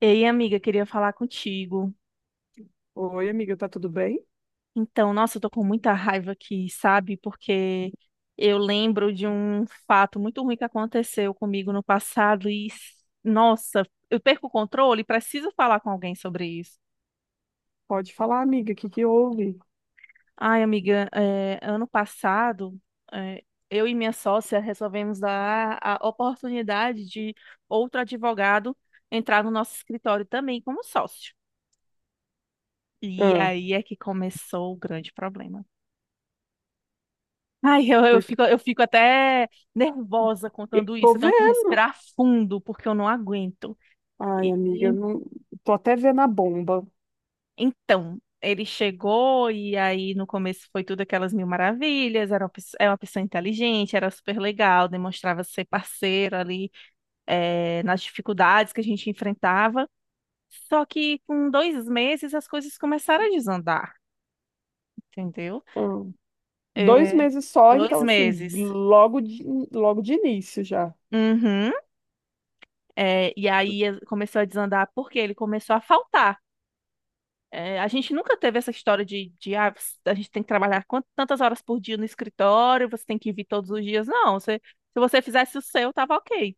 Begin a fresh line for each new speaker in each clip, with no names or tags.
Ei, amiga, queria falar contigo.
Oi, amiga, tá tudo bem?
Então, nossa, eu tô com muita raiva aqui, sabe? Porque eu lembro de um fato muito ruim que aconteceu comigo no passado e, nossa, eu perco o controle e preciso falar com alguém sobre isso.
Pode falar, amiga, o que que houve?
Ai, amiga, ano passado, é, eu e minha sócia resolvemos dar a oportunidade de outro advogado entrar no nosso escritório também como sócio. E
Ah,
aí é que começou o grande problema. Ai, eu
porque
fico, eu fico até nervosa
eu
contando
tô
isso. Eu tenho que
vendo.
respirar fundo, porque eu não aguento.
Ai,
E
amiga, não, tô até vendo a bomba.
então, ele chegou, e aí no começo foi tudo aquelas mil maravilhas. Era é uma pessoa inteligente, era super legal, demonstrava ser parceiro ali, nas dificuldades que a gente enfrentava. Só que com 2 meses as coisas começaram a desandar, entendeu?
Ah, dois
É,
meses só,
dois
então, assim,
meses.
logo de, logo de início já.
Uhum. É, e aí começou a desandar porque ele começou a faltar. É, a gente nunca teve essa história de a gente tem que tantas horas por dia no escritório, você tem que vir todos os dias. Não, se você fizesse o seu, tava ok.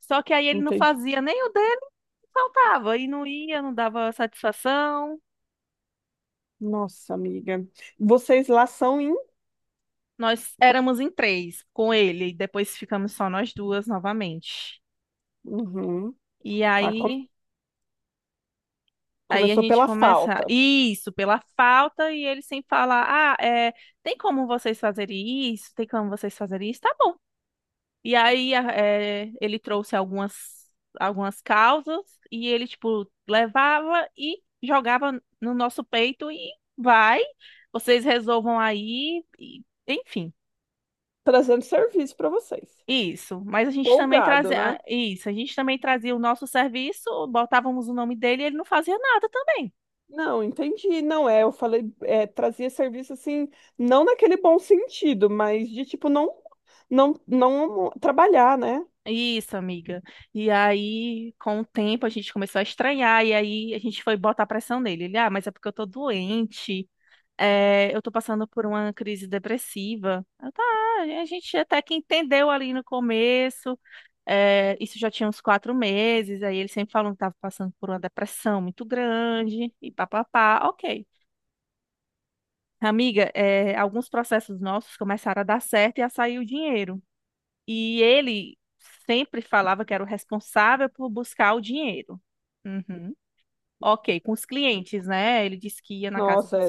Só que aí ele não
Entendi.
fazia nem o dele, faltava, e não ia, não dava satisfação.
Nossa, amiga. Vocês lá são em.
Nós éramos em três com ele, e depois ficamos só nós duas novamente.
Uhum,
E
tá.
aí Aí a
Começou
gente
pela
começa,
falta.
isso, pela falta, e ele sem falar, ah, é, tem como vocês fazerem isso? Tem como vocês fazerem isso? Tá bom. E aí ele trouxe algumas, algumas causas, e ele, tipo, levava e jogava no nosso peito, e vai, vocês resolvam aí, enfim,
Trazendo serviço para vocês.
isso. Mas a gente também
Folgado,
trazia,
né?
a gente também trazia o nosso serviço, botávamos o nome dele, e ele não fazia nada também.
Não, entendi. Não é, eu falei, é, trazia serviço assim, não naquele bom sentido, mas de tipo não, não trabalhar, né?
Isso, amiga. E aí, com o tempo, a gente começou a estranhar, e aí a gente foi botar pressão nele. Ele, ah, mas é porque eu tô doente, é, eu tô passando por uma crise depressiva. Eu, tá, a gente até que entendeu ali no começo, é, isso já tinha uns 4 meses, aí ele sempre falou que tava passando por uma depressão muito grande, e papapá, ok. Amiga, alguns processos nossos começaram a dar certo e a sair o dinheiro. E ele sempre falava que era o responsável por buscar o dinheiro. Uhum. Ok, com os clientes, né? Ele disse que ia na casa
Nossa,
dos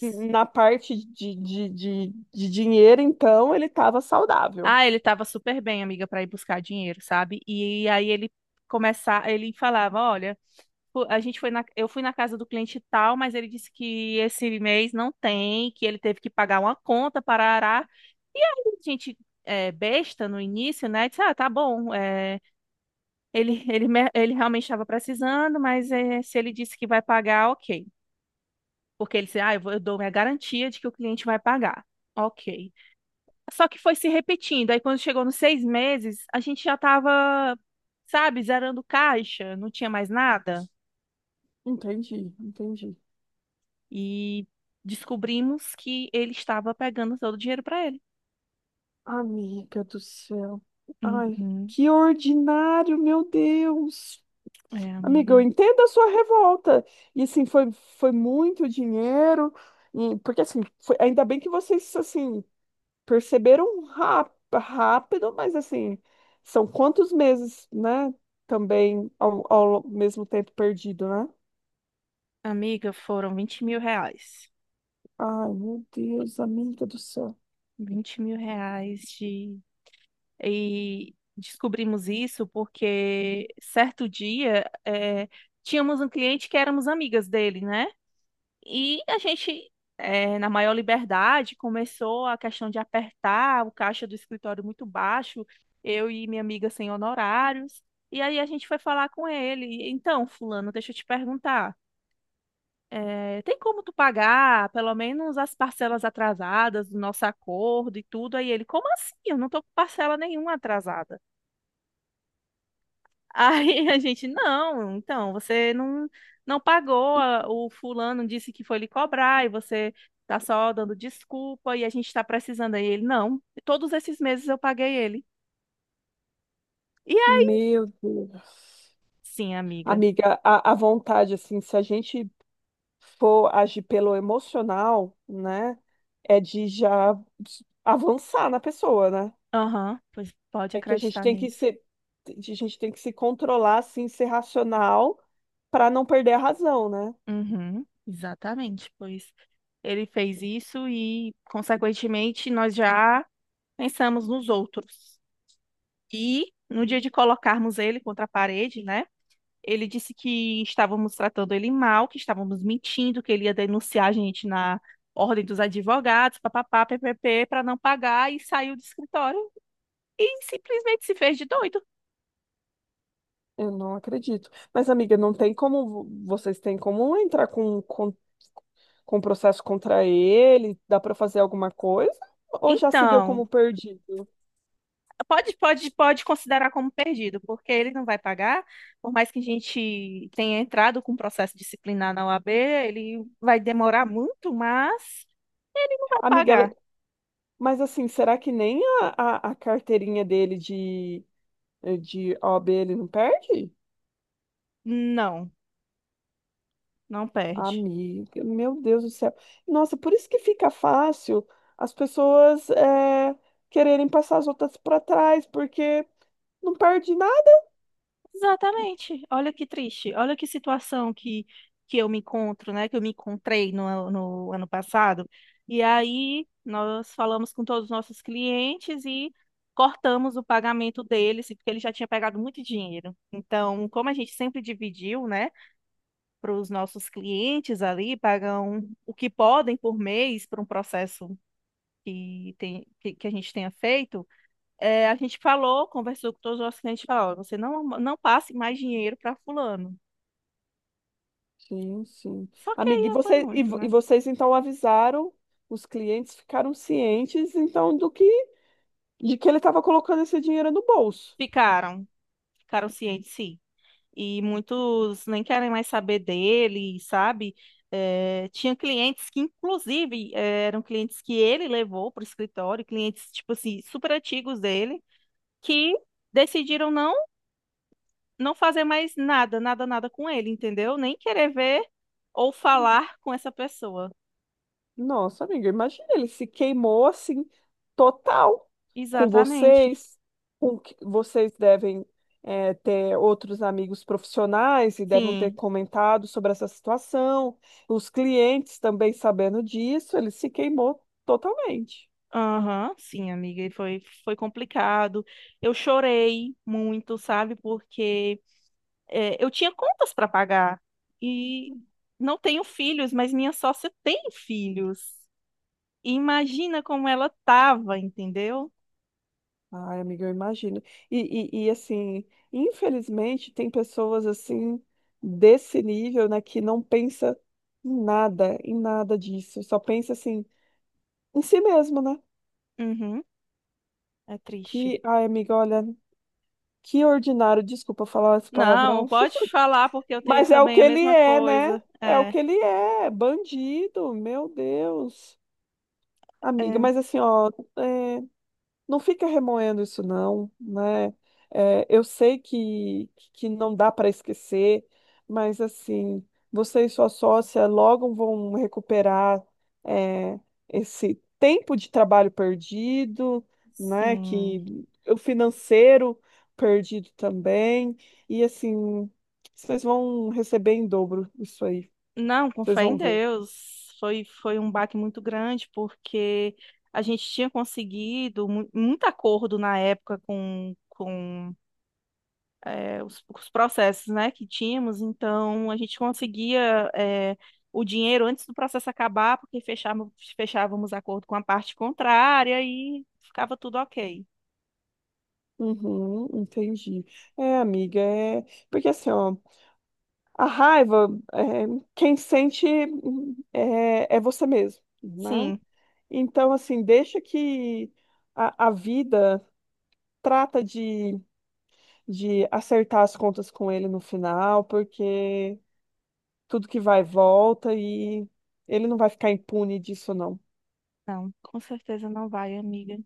é, na parte de dinheiro, então, ele estava saudável.
Ah, ele tava super bem, amiga, para ir buscar dinheiro, sabe? E aí ele começava, ele falava, olha, fu- a gente foi na, eu fui na casa do cliente tal, mas ele disse que esse mês não tem, que ele teve que pagar uma conta para arar. E aí a gente, é, besta no início, né? Disse, ah, tá bom. Ele, ele realmente estava precisando, mas se ele disse que vai pagar, ok. Porque ele disse, ah, eu dou minha garantia de que o cliente vai pagar. Ok. Só que foi se repetindo. Aí quando chegou nos 6 meses, a gente já estava, sabe, zerando caixa, não tinha mais nada.
Entendi, entendi.
E descobrimos que ele estava pegando todo o dinheiro para ele.
Amiga do céu. Ai,
Uhum.
que ordinário, meu Deus.
É,
Amiga, eu
amiga.
entendo a sua revolta. E assim, foi muito dinheiro. E, porque assim, foi- ainda bem que vocês assim perceberam rá- rápido, mas assim, são quantos meses, né? Também ao mesmo tempo perdido, né?
Amiga, foram R$ 20.000.
Ai, meu Deus, amiga do céu.
R$ 20.000 de E descobrimos isso porque certo dia tínhamos um cliente que éramos amigas dele, né? E a gente, na maior liberdade, começou a questão de apertar o caixa do escritório muito baixo, eu e minha amiga sem honorários. E aí a gente foi falar com ele. Então, fulano, deixa eu te perguntar. É, tem como tu pagar pelo menos as parcelas atrasadas do nosso acordo e tudo? Aí ele, como assim? Eu não tô com parcela nenhuma atrasada. Aí a gente, não, então, você não, não pagou, o fulano disse que foi lhe cobrar e você tá só dando desculpa e a gente tá precisando. Aí ele, não, todos esses meses eu paguei ele. E é
Meu Deus.
sim, amiga.
Amiga, a vontade, assim, se a gente for agir pelo emocional, né, é de já avançar na pessoa, né?
Aham, pois pode
É que a gente
acreditar
tem que
nisso.
ser, a gente tem que se controlar, assim, ser racional para não perder a razão, né?
Uhum, exatamente, pois ele fez isso e, consequentemente, nós já pensamos nos outros. E no dia de colocarmos ele contra a parede, né? Ele disse que estávamos tratando ele mal, que estávamos mentindo, que ele ia denunciar a gente na ordem dos advogados, papapá, ppp, para não pagar e saiu do escritório e simplesmente se fez de doido.
Eu não acredito. Mas, amiga, não tem como, vo- vocês têm como entrar com processo contra ele? Dá para fazer alguma coisa? Ou já se deu
Então,
como perdido?
pode considerar como perdido, porque ele não vai pagar, por mais que a gente tenha entrado com um processo disciplinar na OAB, ele vai demorar muito, mas não vai
Amiga, ela-
pagar.
mas assim, será que nem a carteirinha dele de de OAB ele não perde?
Não, não perde.
Amiga, meu Deus do céu. Nossa, por isso que fica fácil as pessoas é, quererem passar as outras para trás, porque não perde nada.
Exatamente. Olha que triste. Olha que situação que eu me encontro, né? Que eu me encontrei no ano passado. E aí nós falamos com todos os nossos clientes e cortamos o pagamento deles, porque ele já tinha pegado muito dinheiro. Então, como a gente sempre dividiu, né, para os nossos clientes ali, pagam o que podem por mês para um processo que a gente tenha feito. É, a gente falou, conversou com todos os nossos clientes, falou, "Ó, você não, não passe mais dinheiro para fulano.
Sim, sim.
Só que
Amiga, e,
aí foi
você, e,
muito,
vo- e
né?
vocês então avisaram, os clientes ficaram cientes então do que de que ele estava colocando esse dinheiro no bolso.
Ficaram, ficaram cientes, sim. E muitos nem querem mais saber dele, sabe? É, tinha clientes que, inclusive, é, eram clientes que ele levou para o escritório, clientes, tipo assim, super antigos dele, que decidiram não fazer mais nada, nada, nada com ele, entendeu? Nem querer ver ou falar com essa pessoa.
Nossa, amiga, imagina, ele se queimou assim, total, com
Exatamente.
vocês, com que vocês devem é, ter outros amigos profissionais e devem ter
Sim.
comentado sobre essa situação, os clientes também sabendo disso, ele se queimou totalmente.
Aham, sim, amiga, e foi, foi complicado. Eu chorei muito, sabe? Porque eu tinha contas para pagar e não tenho filhos, mas minha sócia tem filhos. E imagina como ela tava, entendeu?
Ai, amiga, eu imagino. E assim, infelizmente, tem pessoas assim, desse nível, né, que não pensa em nada disso, só pensa assim, em si mesmo, né?
Uhum, é triste.
Que, ai, amiga, olha, que ordinário, desculpa falar esse
Não,
palavrão,
pode falar, porque eu tenho
mas é o
também
que
a
ele
mesma
é, né?
coisa.
É o
É,
que ele é, bandido, meu Deus. Amiga,
é,
mas assim, ó, é. Não fica remoendo isso não, né? É, eu sei que não dá para esquecer, mas assim, você e sua sócia logo vão recuperar é, esse tempo de trabalho perdido, né?
sim.
Que o financeiro perdido também, e assim, vocês vão receber em dobro isso aí,
Não, com
vocês
fé
vão
em
ver.
Deus. Foi, foi um baque muito grande, porque a gente tinha conseguido muito acordo na época com os processos, né, que tínhamos. Então, a gente conseguia o dinheiro antes do processo acabar, porque fechávamos, fechávamos acordo com a parte contrária e ficava tudo ok.
Uhum, entendi. É, amiga, é porque assim, ó, a raiva, é, quem sente é, é você mesmo, né?
Sim,
Então, assim, deixa que a vida trata de acertar as contas com ele no final, porque tudo que vai volta e ele não vai ficar impune disso, não.
não, com certeza não vai, amiga.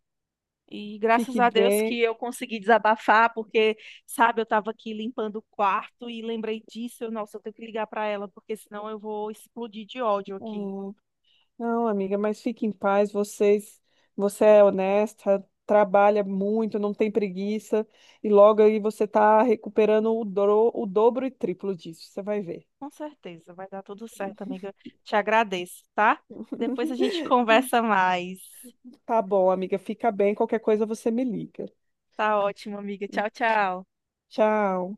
E graças
Fique
a Deus que
bem.
eu consegui desabafar, porque, sabe, eu estava aqui limpando o quarto e lembrei disso. Eu, nossa, eu tenho que ligar para ela, porque senão eu vou explodir de ódio
É.
aqui.
Não, amiga, mas fique em paz. Vocês, você é honesta, trabalha muito, não tem preguiça, e logo aí você tá recuperando o, dro- o dobro e triplo disso. Você vai ver.
Com certeza, vai dar tudo certo, amiga. Te agradeço, tá? Depois a gente conversa mais.
Tá bom, amiga, fica bem. Qualquer coisa você me liga.
Tá ótimo, amiga. Tchau, tchau.
Tchau.